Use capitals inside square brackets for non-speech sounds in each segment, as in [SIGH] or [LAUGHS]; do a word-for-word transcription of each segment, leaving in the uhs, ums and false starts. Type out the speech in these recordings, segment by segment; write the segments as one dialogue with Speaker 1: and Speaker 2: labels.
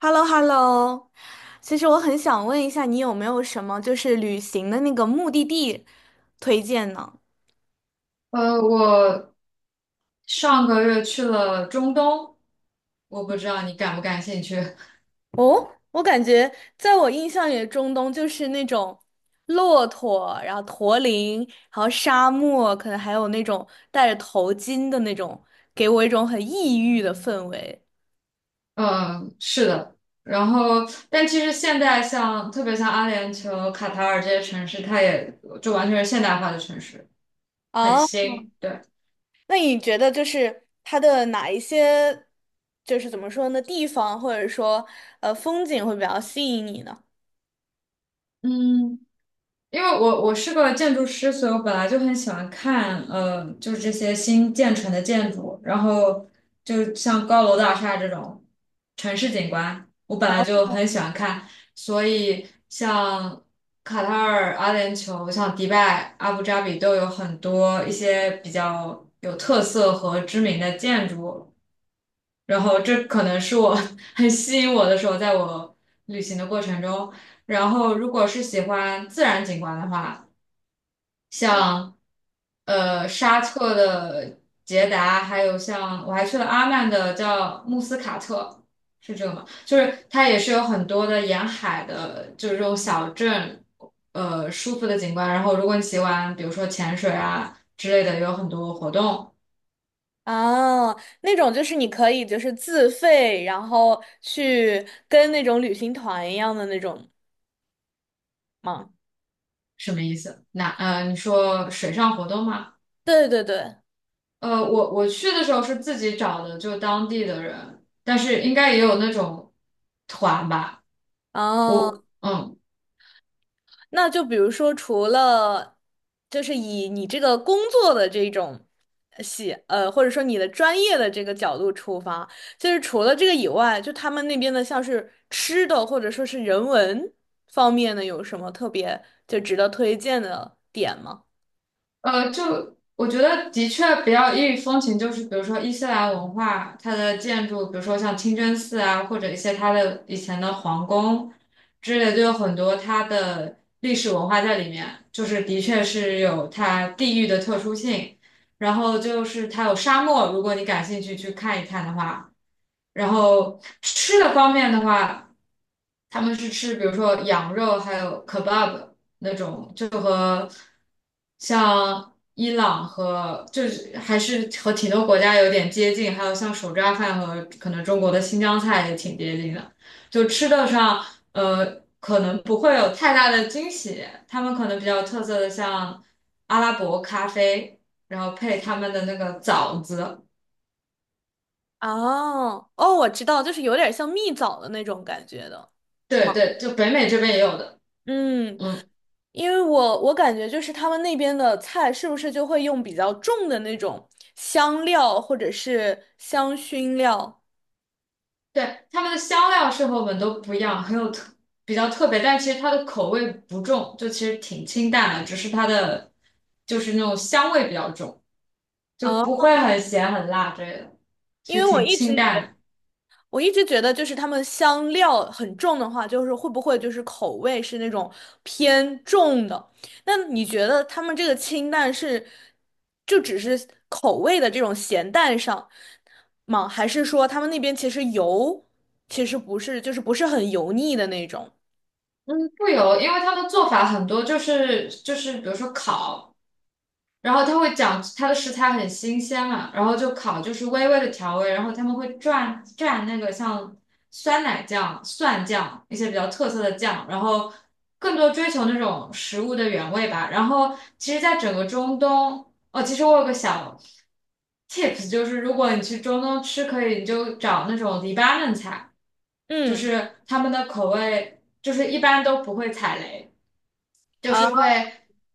Speaker 1: h e l l o h e l l o 其实我很想问一下，你有没有什么就是旅行的那个目的地推荐呢？
Speaker 2: 呃，我上个月去了中东，我不知道你感不感兴趣。
Speaker 1: 哦，我感觉在我印象里，中东就是那种骆驼，然后驼铃，然后沙漠，可能还有那种戴着头巾的那种，给我一种很异域的氛围。
Speaker 2: 嗯，是的。然后，但其实现在像特别像阿联酋、卡塔尔这些城市，它也就完全是现代化的城市，很
Speaker 1: 啊。
Speaker 2: 新。对，
Speaker 1: 那你觉得就是它的哪一些，就是怎么说呢，地方或者说呃风景会比较吸引你呢？
Speaker 2: 嗯。因为我我是个建筑师，所以我本来就很喜欢看，呃，就是这些新建成的建筑，然后就像高楼大厦这种城市景观，我本来就很喜欢看，所以像卡塔尔、阿联酋、像迪拜、阿布扎比都有很多一些比较有特色和知名的建筑，然后这可能是我 [LAUGHS] 很吸引我的时候，在我旅行的过程中。然后，如果是喜欢自然景观的话，像呃沙特的捷达，还有像我还去了阿曼的叫穆斯卡特，是这个吗？就是它也是有很多的沿海的，就是这种小镇，呃，舒服的景观。然后如果你喜欢，比如说潜水啊之类的，也有很多活动。
Speaker 1: 哦，那种就是你可以就是自费，然后去跟那种旅行团一样的那种吗？
Speaker 2: 什么意思？那呃，你说水上活动吗？
Speaker 1: 对对对，
Speaker 2: 呃，我我去的时候是自己找的，就当地的人，但是应该也有那种团吧。
Speaker 1: 哦，
Speaker 2: 我嗯。
Speaker 1: 那就比如说除了就是以你这个工作的这种呃喜呃，或者说你的专业的这个角度出发，就是除了这个以外，就他们那边的像是吃的或者说是人文方面的有什么特别就值得推荐的点吗？
Speaker 2: 呃，就我觉得的确比较异域风情，就是比如说伊斯兰文化，它的建筑，比如说像清真寺啊，或者一些它的以前的皇宫之类，就有很多它的历史文化在里面，就是的确是有它地域的特殊性。然后就是它有沙漠，如果你感兴趣去看一看的话，然后吃的方面的话，他们是吃比如说羊肉还有 kebab。那种，就和像伊朗和就是还是和挺多国家有点接近，还有像手抓饭和可能中国的新疆菜也挺接近的，就吃的上呃可能不会有太大的惊喜，他们可能比较特色的像阿拉伯咖啡，然后配他们的那个枣子，
Speaker 1: 哦哦，我知道，就是有点像蜜枣的那种感觉的
Speaker 2: 对
Speaker 1: 吗？
Speaker 2: 对，就北美这边也有的，
Speaker 1: 嗯，
Speaker 2: 嗯。
Speaker 1: 因为我我感觉就是他们那边的菜是不是就会用比较重的那种香料或者是香薰料
Speaker 2: 对，他们的香料是和我们都不一样，很有特比较特别，但其实它的口味不重，就其实挺清淡的，只是它的就是那种香味比较重，就
Speaker 1: 啊？
Speaker 2: 不会很咸很辣之类的，
Speaker 1: 因
Speaker 2: 其实
Speaker 1: 为我
Speaker 2: 挺
Speaker 1: 一
Speaker 2: 清
Speaker 1: 直
Speaker 2: 淡的。
Speaker 1: 我一直觉得，就是他们香料很重的话，就是会不会就是口味是那种偏重的？那你觉得他们这个清淡是就只是口味的这种咸淡上吗？还是说他们那边其实油其实不是，就是不是很油腻的那种？
Speaker 2: 不油，因为它的做法很多，就是就是比如说烤。然后他会讲他的食材很新鲜嘛，然后就烤，就是微微的调味，然后他们会蘸蘸那个像酸奶酱、蒜酱一些比较特色的酱，然后更多追求那种食物的原味吧。然后其实，在整个中东，哦，其实我有个小 tips，就是如果你去中东吃，可以你就找那种黎巴嫩菜，就
Speaker 1: 嗯，
Speaker 2: 是他们的口味就是一般都不会踩雷。就
Speaker 1: 啊。
Speaker 2: 是会，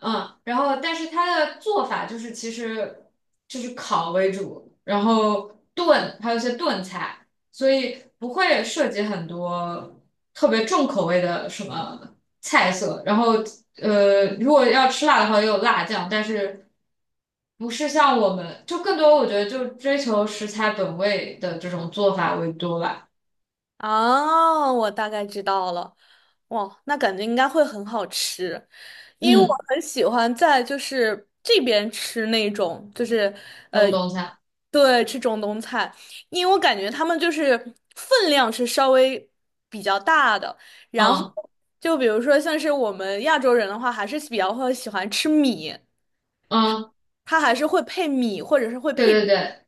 Speaker 2: 嗯，然后但是它的做法就是其实就是烤为主，然后炖，还有一些炖菜，所以不会涉及很多特别重口味的什么菜色。然后呃，如果要吃辣的话，也有辣酱，但是不是像我们就更多，我觉得就追求食材本味的这种做法为多吧。
Speaker 1: 哦，我大概知道了。哇，那感觉应该会很好吃，因为我
Speaker 2: 嗯，
Speaker 1: 很喜欢在就是这边吃那种就是呃，
Speaker 2: 中东菜，
Speaker 1: 对，吃中东菜，因为我感觉他们就是分量是稍微比较大的，然后
Speaker 2: 嗯
Speaker 1: 就比如说像是我们亚洲人的话，还是比较会喜欢吃米，
Speaker 2: 嗯，
Speaker 1: 它还是会配米或者是会
Speaker 2: 对
Speaker 1: 配。
Speaker 2: 对对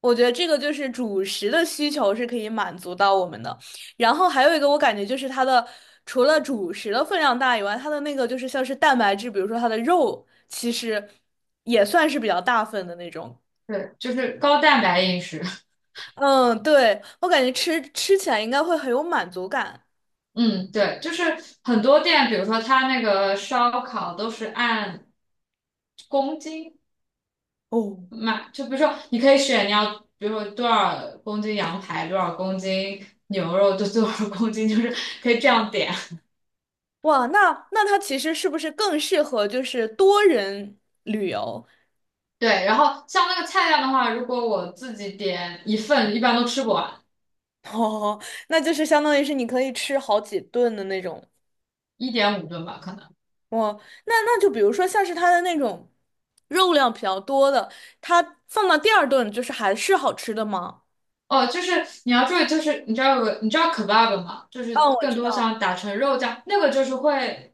Speaker 1: 我觉得这个就是主食的需求是可以满足到我们的，然后还有一个我感觉就是它的除了主食的分量大以外，它的那个就是像是蛋白质，比如说它的肉，其实也算是比较大份的那种。
Speaker 2: 对，就是高蛋白饮食。
Speaker 1: 嗯，对，我感觉吃吃起来应该会很有满足感。
Speaker 2: 嗯，对，就是很多店，比如说它那个烧烤都是按公斤
Speaker 1: 哦，
Speaker 2: 卖，就比如说你可以选你要，比如说多少公斤羊排，多少公斤牛肉，就多少公斤，就是可以这样点。
Speaker 1: 哇，那那它其实是不是更适合就是多人旅游？[LAUGHS]
Speaker 2: 对，然后像那个菜量的话，如果我自己点一份，一般都吃不完，
Speaker 1: 哦，那就是相当于是你可以吃好几顿的那种。
Speaker 2: 一点五顿吧，可能。
Speaker 1: 哇，那那就比如说像是它的那种肉量比较多的，它放到第二顿就是还是好吃的吗？
Speaker 2: 哦，就是你要注意，就是你知道有你知道 kebab 吗？就是
Speaker 1: 哦，我
Speaker 2: 更
Speaker 1: 知
Speaker 2: 多
Speaker 1: 道，
Speaker 2: 像打成肉酱，那个就是会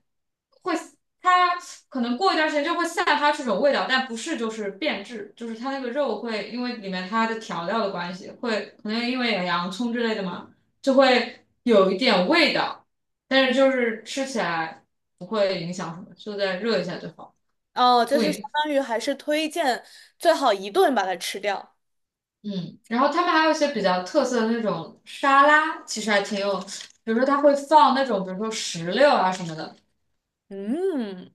Speaker 2: 会它可能过一段时间就会散发出这种味道，但不是就是变质，就是它那个肉会因为里面它的调料的关系，会可能因为有洋葱之类的嘛，就会有一点味道，但
Speaker 1: 嗯，
Speaker 2: 是就是吃起来不会影响什么，就再热一下就好。
Speaker 1: 哦，就
Speaker 2: 不
Speaker 1: 是相
Speaker 2: 影。
Speaker 1: 当于还是推荐最好一顿把它吃掉。
Speaker 2: 嗯，然后他们还有一些比较特色的那种沙拉，其实还挺有，比如说他会放那种，比如说石榴啊什么的，
Speaker 1: 嗯，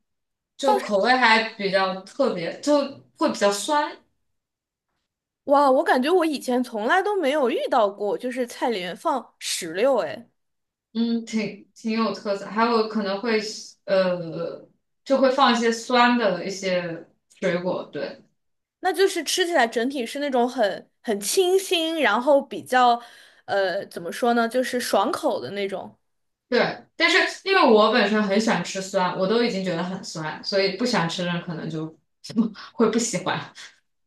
Speaker 1: 放，
Speaker 2: 就口味还比较特别，就会比较酸，
Speaker 1: 哇，我感觉我以前从来都没有遇到过，就是菜里面放石榴，哎，
Speaker 2: 嗯，挺挺有特色。还有可能会呃，就会放一些酸的一些水果，对
Speaker 1: 那就是吃起来整体是那种很很清新，然后比较，呃，怎么说呢，就是爽口的那种。
Speaker 2: 对。但是因为我本身很喜欢吃酸，我都已经觉得很酸，所以不喜欢吃的人可能就会不喜欢。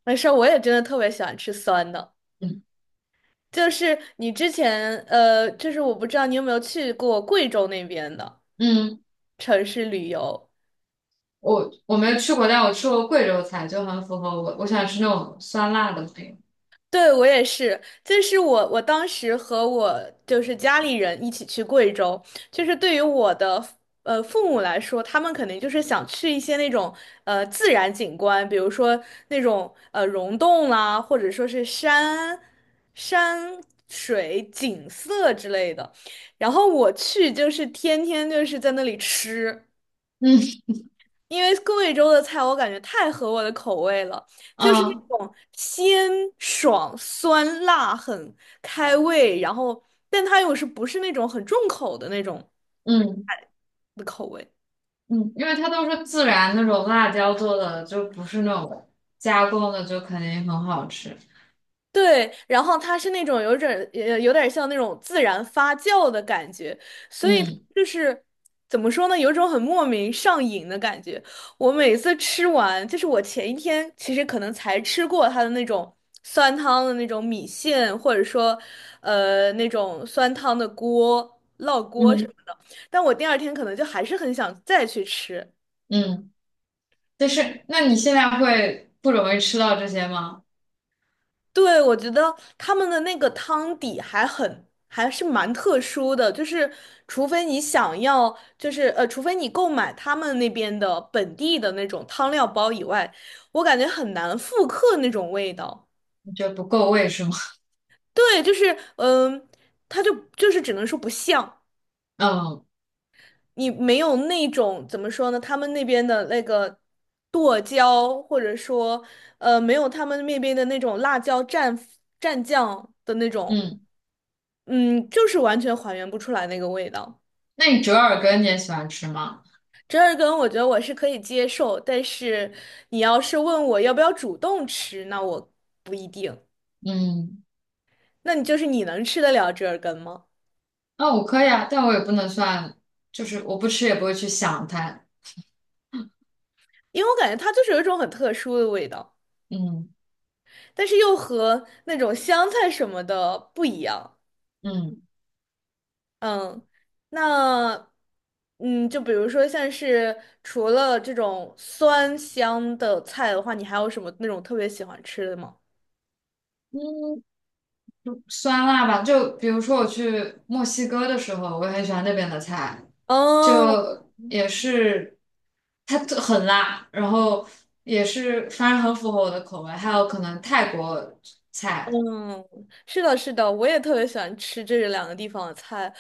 Speaker 1: 没事儿，我也真的特别喜欢吃酸的。
Speaker 2: 嗯
Speaker 1: 就是你之前呃，就是我不知道你有没有去过贵州那边的
Speaker 2: 嗯。
Speaker 1: 城市旅游。
Speaker 2: 我我没有去过，但我吃过贵州菜，就很符合我我想吃那种酸辣的那个
Speaker 1: 对，我也是，就是我，我当时和我就是家里人一起去贵州，就是对于我的呃父母来说，他们肯定就是想去一些那种呃自然景观，比如说那种呃溶洞啦，或者说是山山水景色之类的。然后我去就是天天就是在那里吃。
Speaker 2: 嗯
Speaker 1: 因为贵州的菜我感觉太合我的口味了，就是那
Speaker 2: 嗯
Speaker 1: 种鲜爽、酸辣、很开胃，然后但它又是不是那种很重口的那种
Speaker 2: 嗯
Speaker 1: 的口味。
Speaker 2: 嗯，因为它都是自然那种辣椒做的，就不是那种加工的，就肯定很好吃。
Speaker 1: 对，然后它是那种有点儿呃有点儿像那种自然发酵的感觉，所以
Speaker 2: 嗯
Speaker 1: 就是怎么说呢，有一种很莫名上瘾的感觉。我每次吃完，就是我前一天其实可能才吃过它的那种酸汤的那种米线，或者说呃那种酸汤的锅、烙锅什
Speaker 2: 嗯
Speaker 1: 么的，但我第二天可能就还是很想再去吃。
Speaker 2: 嗯，但是那你现在会不容易吃到这些吗？
Speaker 1: 对，我觉得他们的那个汤底还很，还是蛮特殊的，就是除非你想要，就是呃，除非你购买他们那边的本地的那种汤料包以外，我感觉很难复刻那种味道。
Speaker 2: 你觉得不够味是吗？
Speaker 1: 对，就是嗯，它就就是只能说不像，
Speaker 2: [LAUGHS] 嗯
Speaker 1: 你没有那种怎么说呢，他们那边的那个剁椒，或者说呃，没有他们那边的那种辣椒蘸蘸酱的那种。
Speaker 2: 嗯，
Speaker 1: 嗯，就是完全还原不出来那个味道。
Speaker 2: 那你折耳根你也喜欢吃吗？
Speaker 1: 折耳根，我觉得我是可以接受，但是你要是问我要不要主动吃，那我不一定。
Speaker 2: 嗯，
Speaker 1: 那你就是你能吃得了折耳根吗？
Speaker 2: 那我可以啊，但我也不能算，就是我不吃也不会去想它。
Speaker 1: 因为我感觉它就是有一种很特殊的味道，
Speaker 2: 嗯
Speaker 1: 但是又和那种香菜什么的不一样。
Speaker 2: 嗯
Speaker 1: 嗯，那嗯，就比如说像是除了这种酸香的菜的话，你还有什么那种特别喜欢吃的吗？
Speaker 2: 嗯。酸辣吧，就比如说我去墨西哥的时候，我也很喜欢那边的菜，
Speaker 1: 哦，
Speaker 2: 就也是它特很辣，然后也是反正很符合我的口味。还有可能泰国菜，
Speaker 1: 嗯，是的，是的，我也特别喜欢吃这两个地方的菜。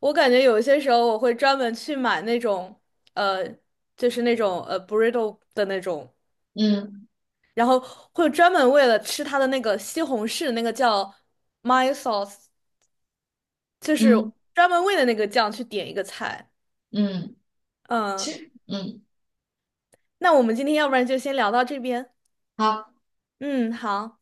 Speaker 1: 我感觉有些时候我会专门去买那种，呃，就是那种呃 burrito 的那种，
Speaker 2: 嗯
Speaker 1: 然后会专门为了吃它的那个西红柿，那个叫 m y sauce，就是
Speaker 2: 嗯
Speaker 1: 专门为了那个酱去点一个菜。
Speaker 2: 嗯，其
Speaker 1: 嗯，
Speaker 2: 实嗯
Speaker 1: 那我们今天要不然就先聊到这边。
Speaker 2: 好。
Speaker 1: 嗯，好。